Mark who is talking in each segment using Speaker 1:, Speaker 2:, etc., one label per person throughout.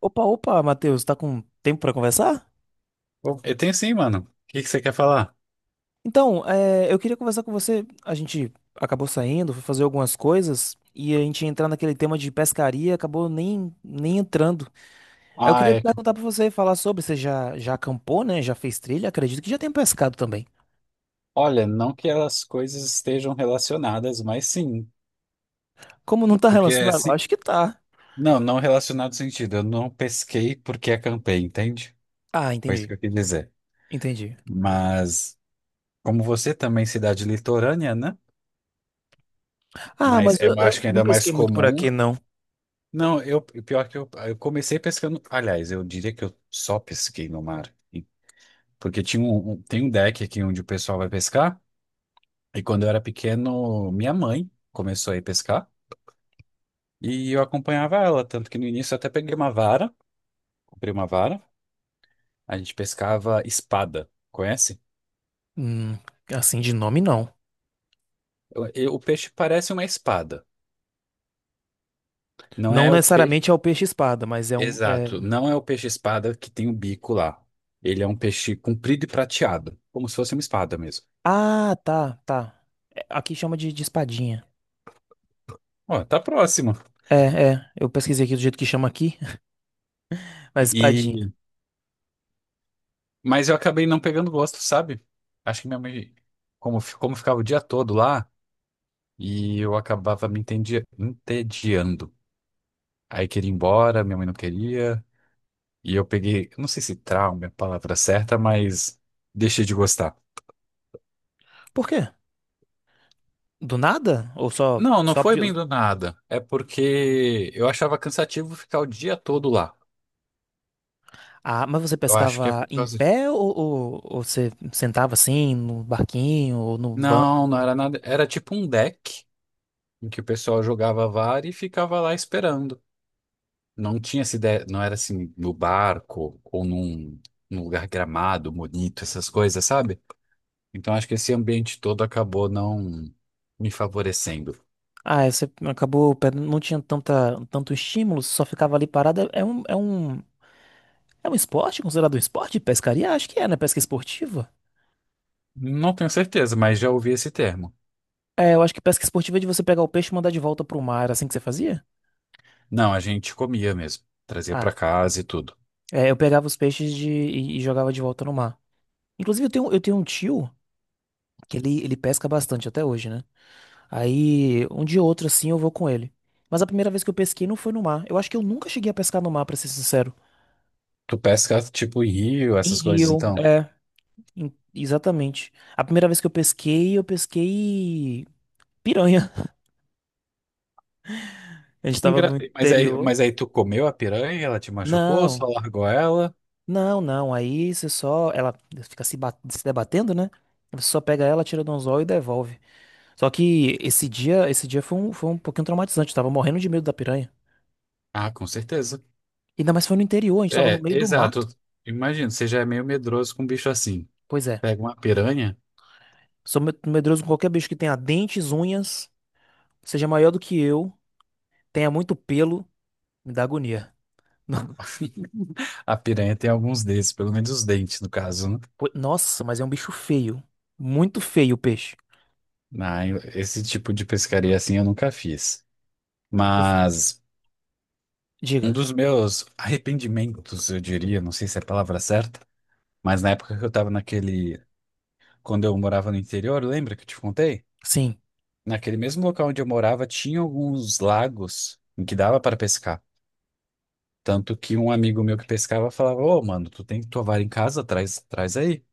Speaker 1: Opa, opa, Matheus, tá com tempo pra conversar?
Speaker 2: Pô, eu tenho sim, mano. O que que você quer falar?
Speaker 1: Então, é, eu queria conversar com você. A gente acabou saindo, foi fazer algumas coisas e a gente ia entrar naquele tema de pescaria, acabou nem entrando. Aí eu
Speaker 2: Ah,
Speaker 1: queria
Speaker 2: é.
Speaker 1: perguntar pra você, falar sobre, você já acampou, né? Já fez trilha? Acredito que já tem pescado também.
Speaker 2: Olha, não que as coisas estejam relacionadas, mas sim.
Speaker 1: Como não tá
Speaker 2: Porque é
Speaker 1: relacionado?
Speaker 2: se...
Speaker 1: Acho que tá.
Speaker 2: Não, não relacionado no sentido. Eu não pesquei porque acampei, entende?
Speaker 1: Ah,
Speaker 2: Foi isso
Speaker 1: entendi,
Speaker 2: que eu quis dizer.
Speaker 1: entendi.
Speaker 2: Mas, como você também, é cidade litorânea, né?
Speaker 1: Ah,
Speaker 2: Mas
Speaker 1: mas
Speaker 2: é,
Speaker 1: eu,
Speaker 2: acho
Speaker 1: eu
Speaker 2: que ainda
Speaker 1: não
Speaker 2: é mais
Speaker 1: pesquei muito por
Speaker 2: comum.
Speaker 1: aqui, não.
Speaker 2: Não, eu, pior que eu comecei pescando. Aliás, eu diria que eu só pesquei no mar. E- Porque tinha um, tem um deck aqui onde o pessoal vai pescar. E quando eu era pequeno, minha mãe começou a ir pescar e eu acompanhava ela, tanto que no início eu até peguei uma vara, comprei uma vara, a gente pescava espada, conhece?
Speaker 1: Hum, assim de nome, não.
Speaker 2: O peixe parece uma espada, não
Speaker 1: Não
Speaker 2: é o peixe,
Speaker 1: necessariamente é o peixe-espada, mas é um. É
Speaker 2: exato, não é o peixe espada que tem o bico lá. Ele é um peixe comprido e prateado, como se fosse uma espada mesmo.
Speaker 1: ah, tá, tá. É, aqui chama de espadinha.
Speaker 2: Ó, tá próximo.
Speaker 1: É, é. Eu pesquisei aqui do jeito que chama aqui, mas espadinha.
Speaker 2: E mas eu acabei não pegando gosto, sabe? Acho que minha mãe, como, como ficava o dia todo lá. E eu acabava me entediando. Aí queria ir embora, minha mãe não queria. E eu peguei, não sei se trauma é a palavra certa, mas deixei de gostar.
Speaker 1: Por quê? Do nada? Ou só,
Speaker 2: Não, não
Speaker 1: só...
Speaker 2: foi bem do nada. É porque eu achava cansativo ficar o dia todo lá.
Speaker 1: Ah, mas você
Speaker 2: Eu acho que é
Speaker 1: pescava
Speaker 2: por
Speaker 1: em
Speaker 2: causa.
Speaker 1: pé ou você sentava assim no barquinho ou no banco?
Speaker 2: Não, não era nada. Era tipo um deck em que o pessoal jogava VAR e ficava lá esperando. Não tinha essa ideia, não era assim no barco ou num, num lugar gramado, bonito, essas coisas, sabe? Então acho que esse ambiente todo acabou não me favorecendo.
Speaker 1: Ah, aí você acabou, não tinha tanta, tanto estímulo, só ficava ali parada. É um esporte? Considerado um esporte de pescaria? Acho que é, né? Pesca esportiva.
Speaker 2: Não tenho certeza, mas já ouvi esse termo.
Speaker 1: É, eu acho que pesca esportiva é de você pegar o peixe e mandar de volta pro mar, assim que você fazia?
Speaker 2: Não, a gente comia mesmo, trazia pra
Speaker 1: Ah.
Speaker 2: casa e tudo.
Speaker 1: É, eu pegava os peixes e jogava de volta no mar. Inclusive, eu tenho um tio que ele pesca bastante até hoje, né? Aí, um dia ou outro, assim, eu vou com ele. Mas a primeira vez que eu pesquei não foi no mar. Eu acho que eu nunca cheguei a pescar no mar, pra ser sincero.
Speaker 2: Tu pesca tipo em rio,
Speaker 1: Em
Speaker 2: essas coisas,
Speaker 1: rio,
Speaker 2: então.
Speaker 1: é. Exatamente. A primeira vez que eu pesquei piranha. A gente
Speaker 2: Que
Speaker 1: tava
Speaker 2: engra-
Speaker 1: no
Speaker 2: Mas aí,
Speaker 1: interior.
Speaker 2: tu comeu a piranha, ela te machucou, só
Speaker 1: Não,
Speaker 2: largou ela?
Speaker 1: não, não. Aí você só. Ela fica se, se debatendo, né? Você só pega ela, tira do anzol e devolve. Só que esse dia foi um pouquinho traumatizante. Eu tava morrendo de medo da piranha.
Speaker 2: Ah, com certeza.
Speaker 1: Ainda mais foi no interior, a gente tava no
Speaker 2: É,
Speaker 1: meio do mato.
Speaker 2: exato. Imagino, você já é meio medroso com um bicho assim.
Speaker 1: Pois é.
Speaker 2: Pega uma piranha,
Speaker 1: Sou medroso com qualquer bicho que tenha dentes, unhas, seja maior do que eu, tenha muito pelo, me dá agonia. No-
Speaker 2: a piranha tem alguns desses, pelo menos os dentes, no caso, né?
Speaker 1: Nossa, mas é um bicho feio. Muito feio o peixe.
Speaker 2: Não, esse tipo de pescaria assim eu nunca fiz.
Speaker 1: Esse-
Speaker 2: Mas um
Speaker 1: Diga.
Speaker 2: dos meus arrependimentos, eu diria, não sei se é a palavra certa, mas na época que eu tava naquele. Quando eu morava no interior, lembra que eu te contei?
Speaker 1: Sim.
Speaker 2: Naquele mesmo local onde eu morava, tinha alguns lagos em que dava para pescar. Tanto que um amigo meu que pescava falava: Ô, mano, tu tem tua vara em casa? Traz, traz aí.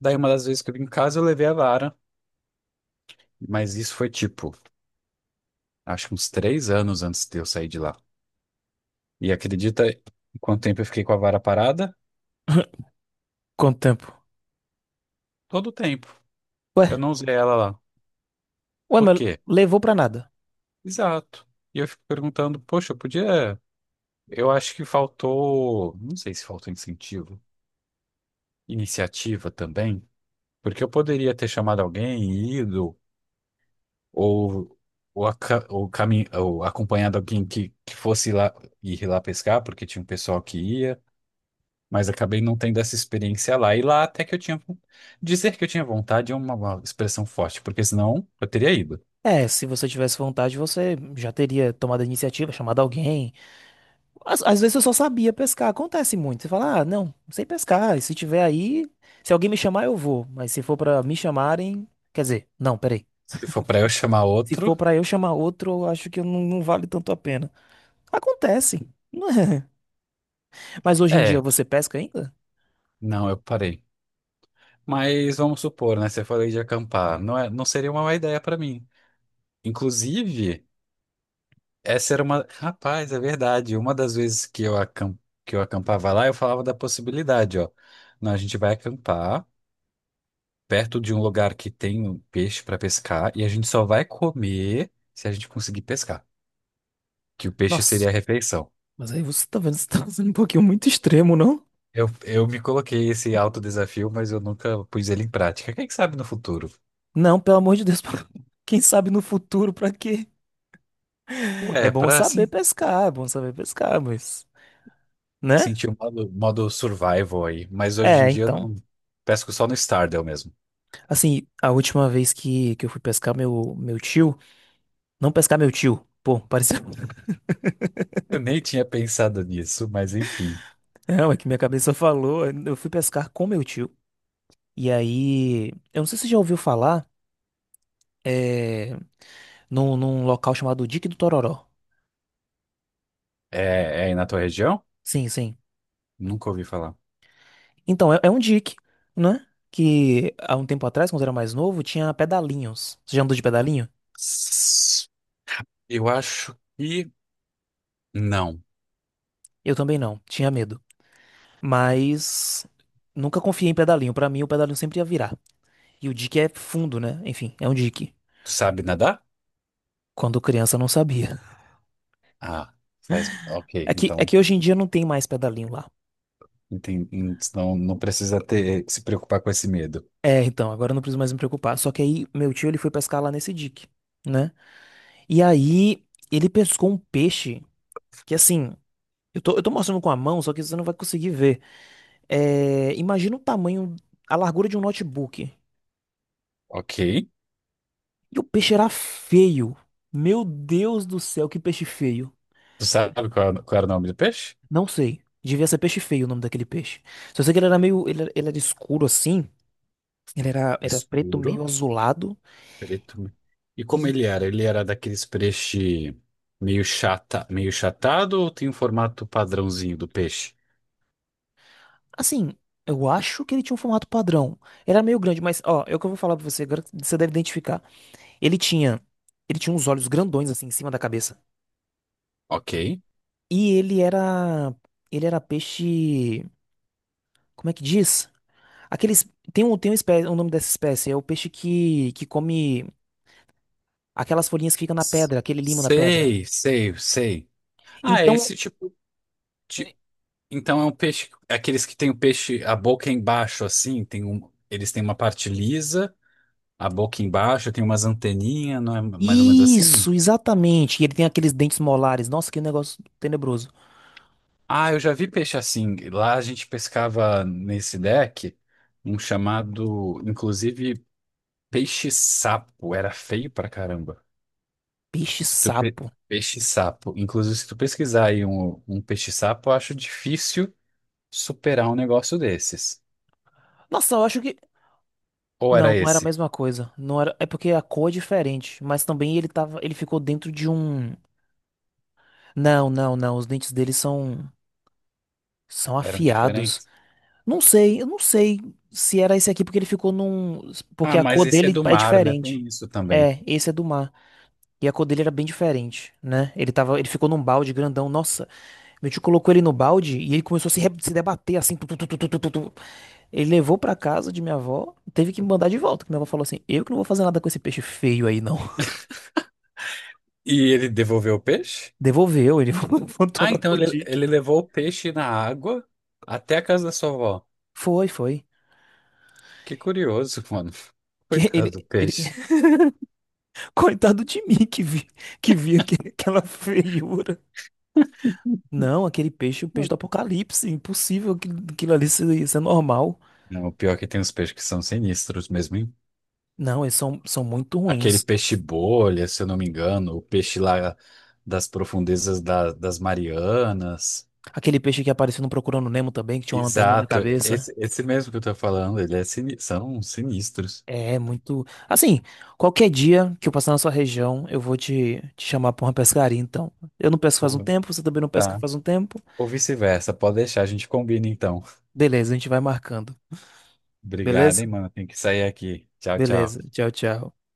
Speaker 2: Daí uma das vezes que eu vim em casa, eu levei a vara. Mas isso foi tipo, acho que uns três anos antes de eu sair de lá. E acredita em quanto tempo eu fiquei com a vara parada?
Speaker 1: Quanto tempo?
Speaker 2: Todo o tempo.
Speaker 1: Ué,
Speaker 2: Eu não usei ela lá.
Speaker 1: ué,
Speaker 2: Por
Speaker 1: mas
Speaker 2: quê?
Speaker 1: levou pra nada.
Speaker 2: Exato. E eu fico perguntando, poxa, eu podia. Eu acho que faltou, não sei se faltou incentivo, iniciativa também, porque eu poderia ter chamado alguém, e ido, ou, ou acompanhado alguém que, fosse lá ir lá pescar, porque tinha um pessoal que ia, mas acabei não tendo essa experiência lá. E lá até que eu tinha. Dizer que eu tinha vontade é uma, expressão forte, porque senão eu teria ido.
Speaker 1: É, se você tivesse vontade, você já teria tomado a iniciativa, chamado alguém. Às vezes eu só sabia pescar. Acontece muito. Você fala, ah, não, não sei pescar. E se tiver aí, se alguém me chamar, eu vou. Mas se for pra me chamarem. Quer dizer, não, peraí.
Speaker 2: Se for para eu chamar
Speaker 1: Se
Speaker 2: outro,
Speaker 1: for pra eu chamar outro, eu acho que não, não vale tanto a pena. Acontece. Não é? Mas hoje em dia
Speaker 2: é,
Speaker 1: você pesca ainda?
Speaker 2: não, eu parei. Mas vamos supor, né? Você falou de acampar. Não é, não seria uma má ideia para mim. Inclusive, essa era uma. Rapaz, é verdade. Uma das vezes que eu, que eu acampava lá, eu falava da possibilidade, ó. Não, a gente vai acampar perto de um lugar que tem um peixe para pescar e a gente só vai comer se a gente conseguir pescar, que o peixe
Speaker 1: Nossa,
Speaker 2: seria a refeição.
Speaker 1: mas aí você tá vendo, você tá sendo um pouquinho muito extremo, não?
Speaker 2: Eu me coloquei esse alto desafio, mas eu nunca pus ele em prática. Quem sabe no futuro?
Speaker 1: Não, pelo amor de Deus. Quem sabe no futuro, pra quê? É
Speaker 2: Ué,
Speaker 1: bom
Speaker 2: pra
Speaker 1: saber
Speaker 2: se.
Speaker 1: pescar, é bom saber pescar, mas, né?
Speaker 2: Senti o modo, modo survival aí, mas hoje em
Speaker 1: É,
Speaker 2: dia eu
Speaker 1: então.
Speaker 2: não pesco só no Stardew mesmo.
Speaker 1: Assim, a última vez que eu fui pescar meu tio. Não pescar meu tio. Pô, pareceu.
Speaker 2: Eu nem tinha pensado nisso, mas enfim.
Speaker 1: Não, é que minha cabeça falou. Eu fui pescar com meu tio. E aí. Eu não sei se você já ouviu falar. É, num local chamado Dique do Tororó.
Speaker 2: É, é aí na tua região?
Speaker 1: Sim, sim.
Speaker 2: Nunca ouvi falar.
Speaker 1: Então, é, é um dique, né? Que há um tempo atrás, quando eu era mais novo, tinha pedalinhos. Você já andou de pedalinho?
Speaker 2: S- Eu acho que não.
Speaker 1: Eu também não. Tinha medo. Mas nunca confiei em pedalinho. Pra mim, o pedalinho sempre ia virar. E o dique é fundo, né? Enfim, é um dique.
Speaker 2: Tu sabe nadar?
Speaker 1: Quando criança, eu não sabia.
Speaker 2: Ah, faz. Ok,
Speaker 1: É que, é
Speaker 2: então
Speaker 1: que hoje em dia não tem mais pedalinho lá.
Speaker 2: enten- não, não precisa ter se preocupar com esse medo.
Speaker 1: É, então, agora eu não preciso mais me preocupar. Só que aí, meu tio, ele foi pescar lá nesse dique, né? E aí, ele pescou um peixe que, assim, eu tô mostrando com a mão, só que você não vai conseguir ver. É, imagina o tamanho, a largura de um notebook.
Speaker 2: Ok.
Speaker 1: E o peixe era feio. Meu Deus do céu, que peixe feio.
Speaker 2: Tu sabe qual, era o nome do peixe?
Speaker 1: Não sei. Devia ser peixe feio o nome daquele peixe. Só sei que ele era meio. Ele era escuro assim. Ele era, era preto, meio
Speaker 2: Escuro.
Speaker 1: azulado.
Speaker 2: Preto. E como
Speaker 1: E,
Speaker 2: ele era? Ele era daqueles peixe meio chata, meio chatado ou tem um formato padrãozinho do peixe?
Speaker 1: assim, eu acho que ele tinha um formato padrão. Ele era meio grande, mas, ó, é o que eu vou falar pra você agora. Você deve identificar. Ele tinha. Ele tinha uns olhos grandões assim em cima da cabeça.
Speaker 2: Ok.
Speaker 1: E ele era. Ele era peixe. Como é que diz? Aqueles. Tem um, tem uma espécie, o nome dessa espécie. É o peixe que come aquelas folhinhas que ficam na
Speaker 2: S-
Speaker 1: pedra, aquele limo na pedra.
Speaker 2: Sei, sei, sei. Ah, é
Speaker 1: Então,
Speaker 2: esse tipo de... Então é um peixe... Aqueles que tem o peixe, a boca embaixo, assim, tem um... eles têm uma parte lisa, a boca embaixo, tem umas anteninhas, não é mais ou menos assim?
Speaker 1: isso, exatamente. E ele tem aqueles dentes molares. Nossa, que negócio tenebroso.
Speaker 2: Ah, eu já vi peixe assim. Lá a gente pescava nesse deck um chamado, inclusive... Peixe-sapo era feio pra caramba. Se tu pe-
Speaker 1: Peixe-sapo.
Speaker 2: Peixe-sapo. Inclusive, se tu pesquisar aí um, peixe-sapo, eu acho difícil superar um negócio desses.
Speaker 1: Nossa, eu acho que.
Speaker 2: Ou
Speaker 1: Não,
Speaker 2: era
Speaker 1: não era a
Speaker 2: esse?
Speaker 1: mesma coisa. Não era... É porque a cor é diferente. Mas também ele tava. Ele ficou dentro de um. Não, não, não. Os dentes dele são. São
Speaker 2: Eram
Speaker 1: afiados.
Speaker 2: diferentes?
Speaker 1: Não sei, eu não sei se era esse aqui, porque ele ficou num. Porque
Speaker 2: Ah,
Speaker 1: a
Speaker 2: mas
Speaker 1: cor
Speaker 2: esse é
Speaker 1: dele
Speaker 2: do
Speaker 1: é
Speaker 2: mar, né? Tem
Speaker 1: diferente.
Speaker 2: isso também.
Speaker 1: É, esse é do mar. E a cor dele era bem diferente, né? Ele tava. Ele ficou num balde grandão. Nossa. Meu tio colocou ele no balde e ele começou a se, se debater assim. Tu, tu, tu, tu, tu, tu, tu, tu. Ele levou pra casa de minha avó, teve que me mandar de volta. Que minha avó falou assim: Eu que não vou fazer nada com esse peixe feio aí, não.
Speaker 2: E ele devolveu o peixe?
Speaker 1: Devolveu, ele voltou
Speaker 2: Ah,
Speaker 1: lá
Speaker 2: então
Speaker 1: pro
Speaker 2: ele,
Speaker 1: Dick.
Speaker 2: ele levou o peixe na água até a casa da sua avó.
Speaker 1: Foi, foi.
Speaker 2: Que curioso, mano.
Speaker 1: Que
Speaker 2: Coitado
Speaker 1: ele,
Speaker 2: do
Speaker 1: ele...
Speaker 2: peixe.
Speaker 1: Coitado de mim que vi, que vi aquela feiura. Não, aquele peixe, o peixe do apocalipse. Impossível aquilo, aquilo ali ser, ser normal.
Speaker 2: Não, o pior é que tem uns peixes que são sinistros mesmo.
Speaker 1: Não, eles são, são muito
Speaker 2: Aquele
Speaker 1: ruins.
Speaker 2: peixe bolha, se eu não me engano, o peixe lá das profundezas das Marianas.
Speaker 1: Aquele peixe que apareceu no Procurando Nemo também, que tinha uma lanterninha na
Speaker 2: Exato,
Speaker 1: cabeça.
Speaker 2: esse, mesmo que eu tô falando, ele é são sinistros.
Speaker 1: É muito. Assim, qualquer dia que eu passar na sua região, eu vou te chamar pra uma pescaria, então. Eu não pesco faz um
Speaker 2: Ou-
Speaker 1: tempo, você também não pesca
Speaker 2: Tá.
Speaker 1: faz um tempo.
Speaker 2: Ou vice-versa, pode deixar, a gente combina então.
Speaker 1: Beleza, a gente vai marcando.
Speaker 2: Obrigado,
Speaker 1: Beleza?
Speaker 2: hein, mano. Tem que sair aqui. Tchau,
Speaker 1: Beleza.
Speaker 2: tchau.
Speaker 1: Tchau, tchau.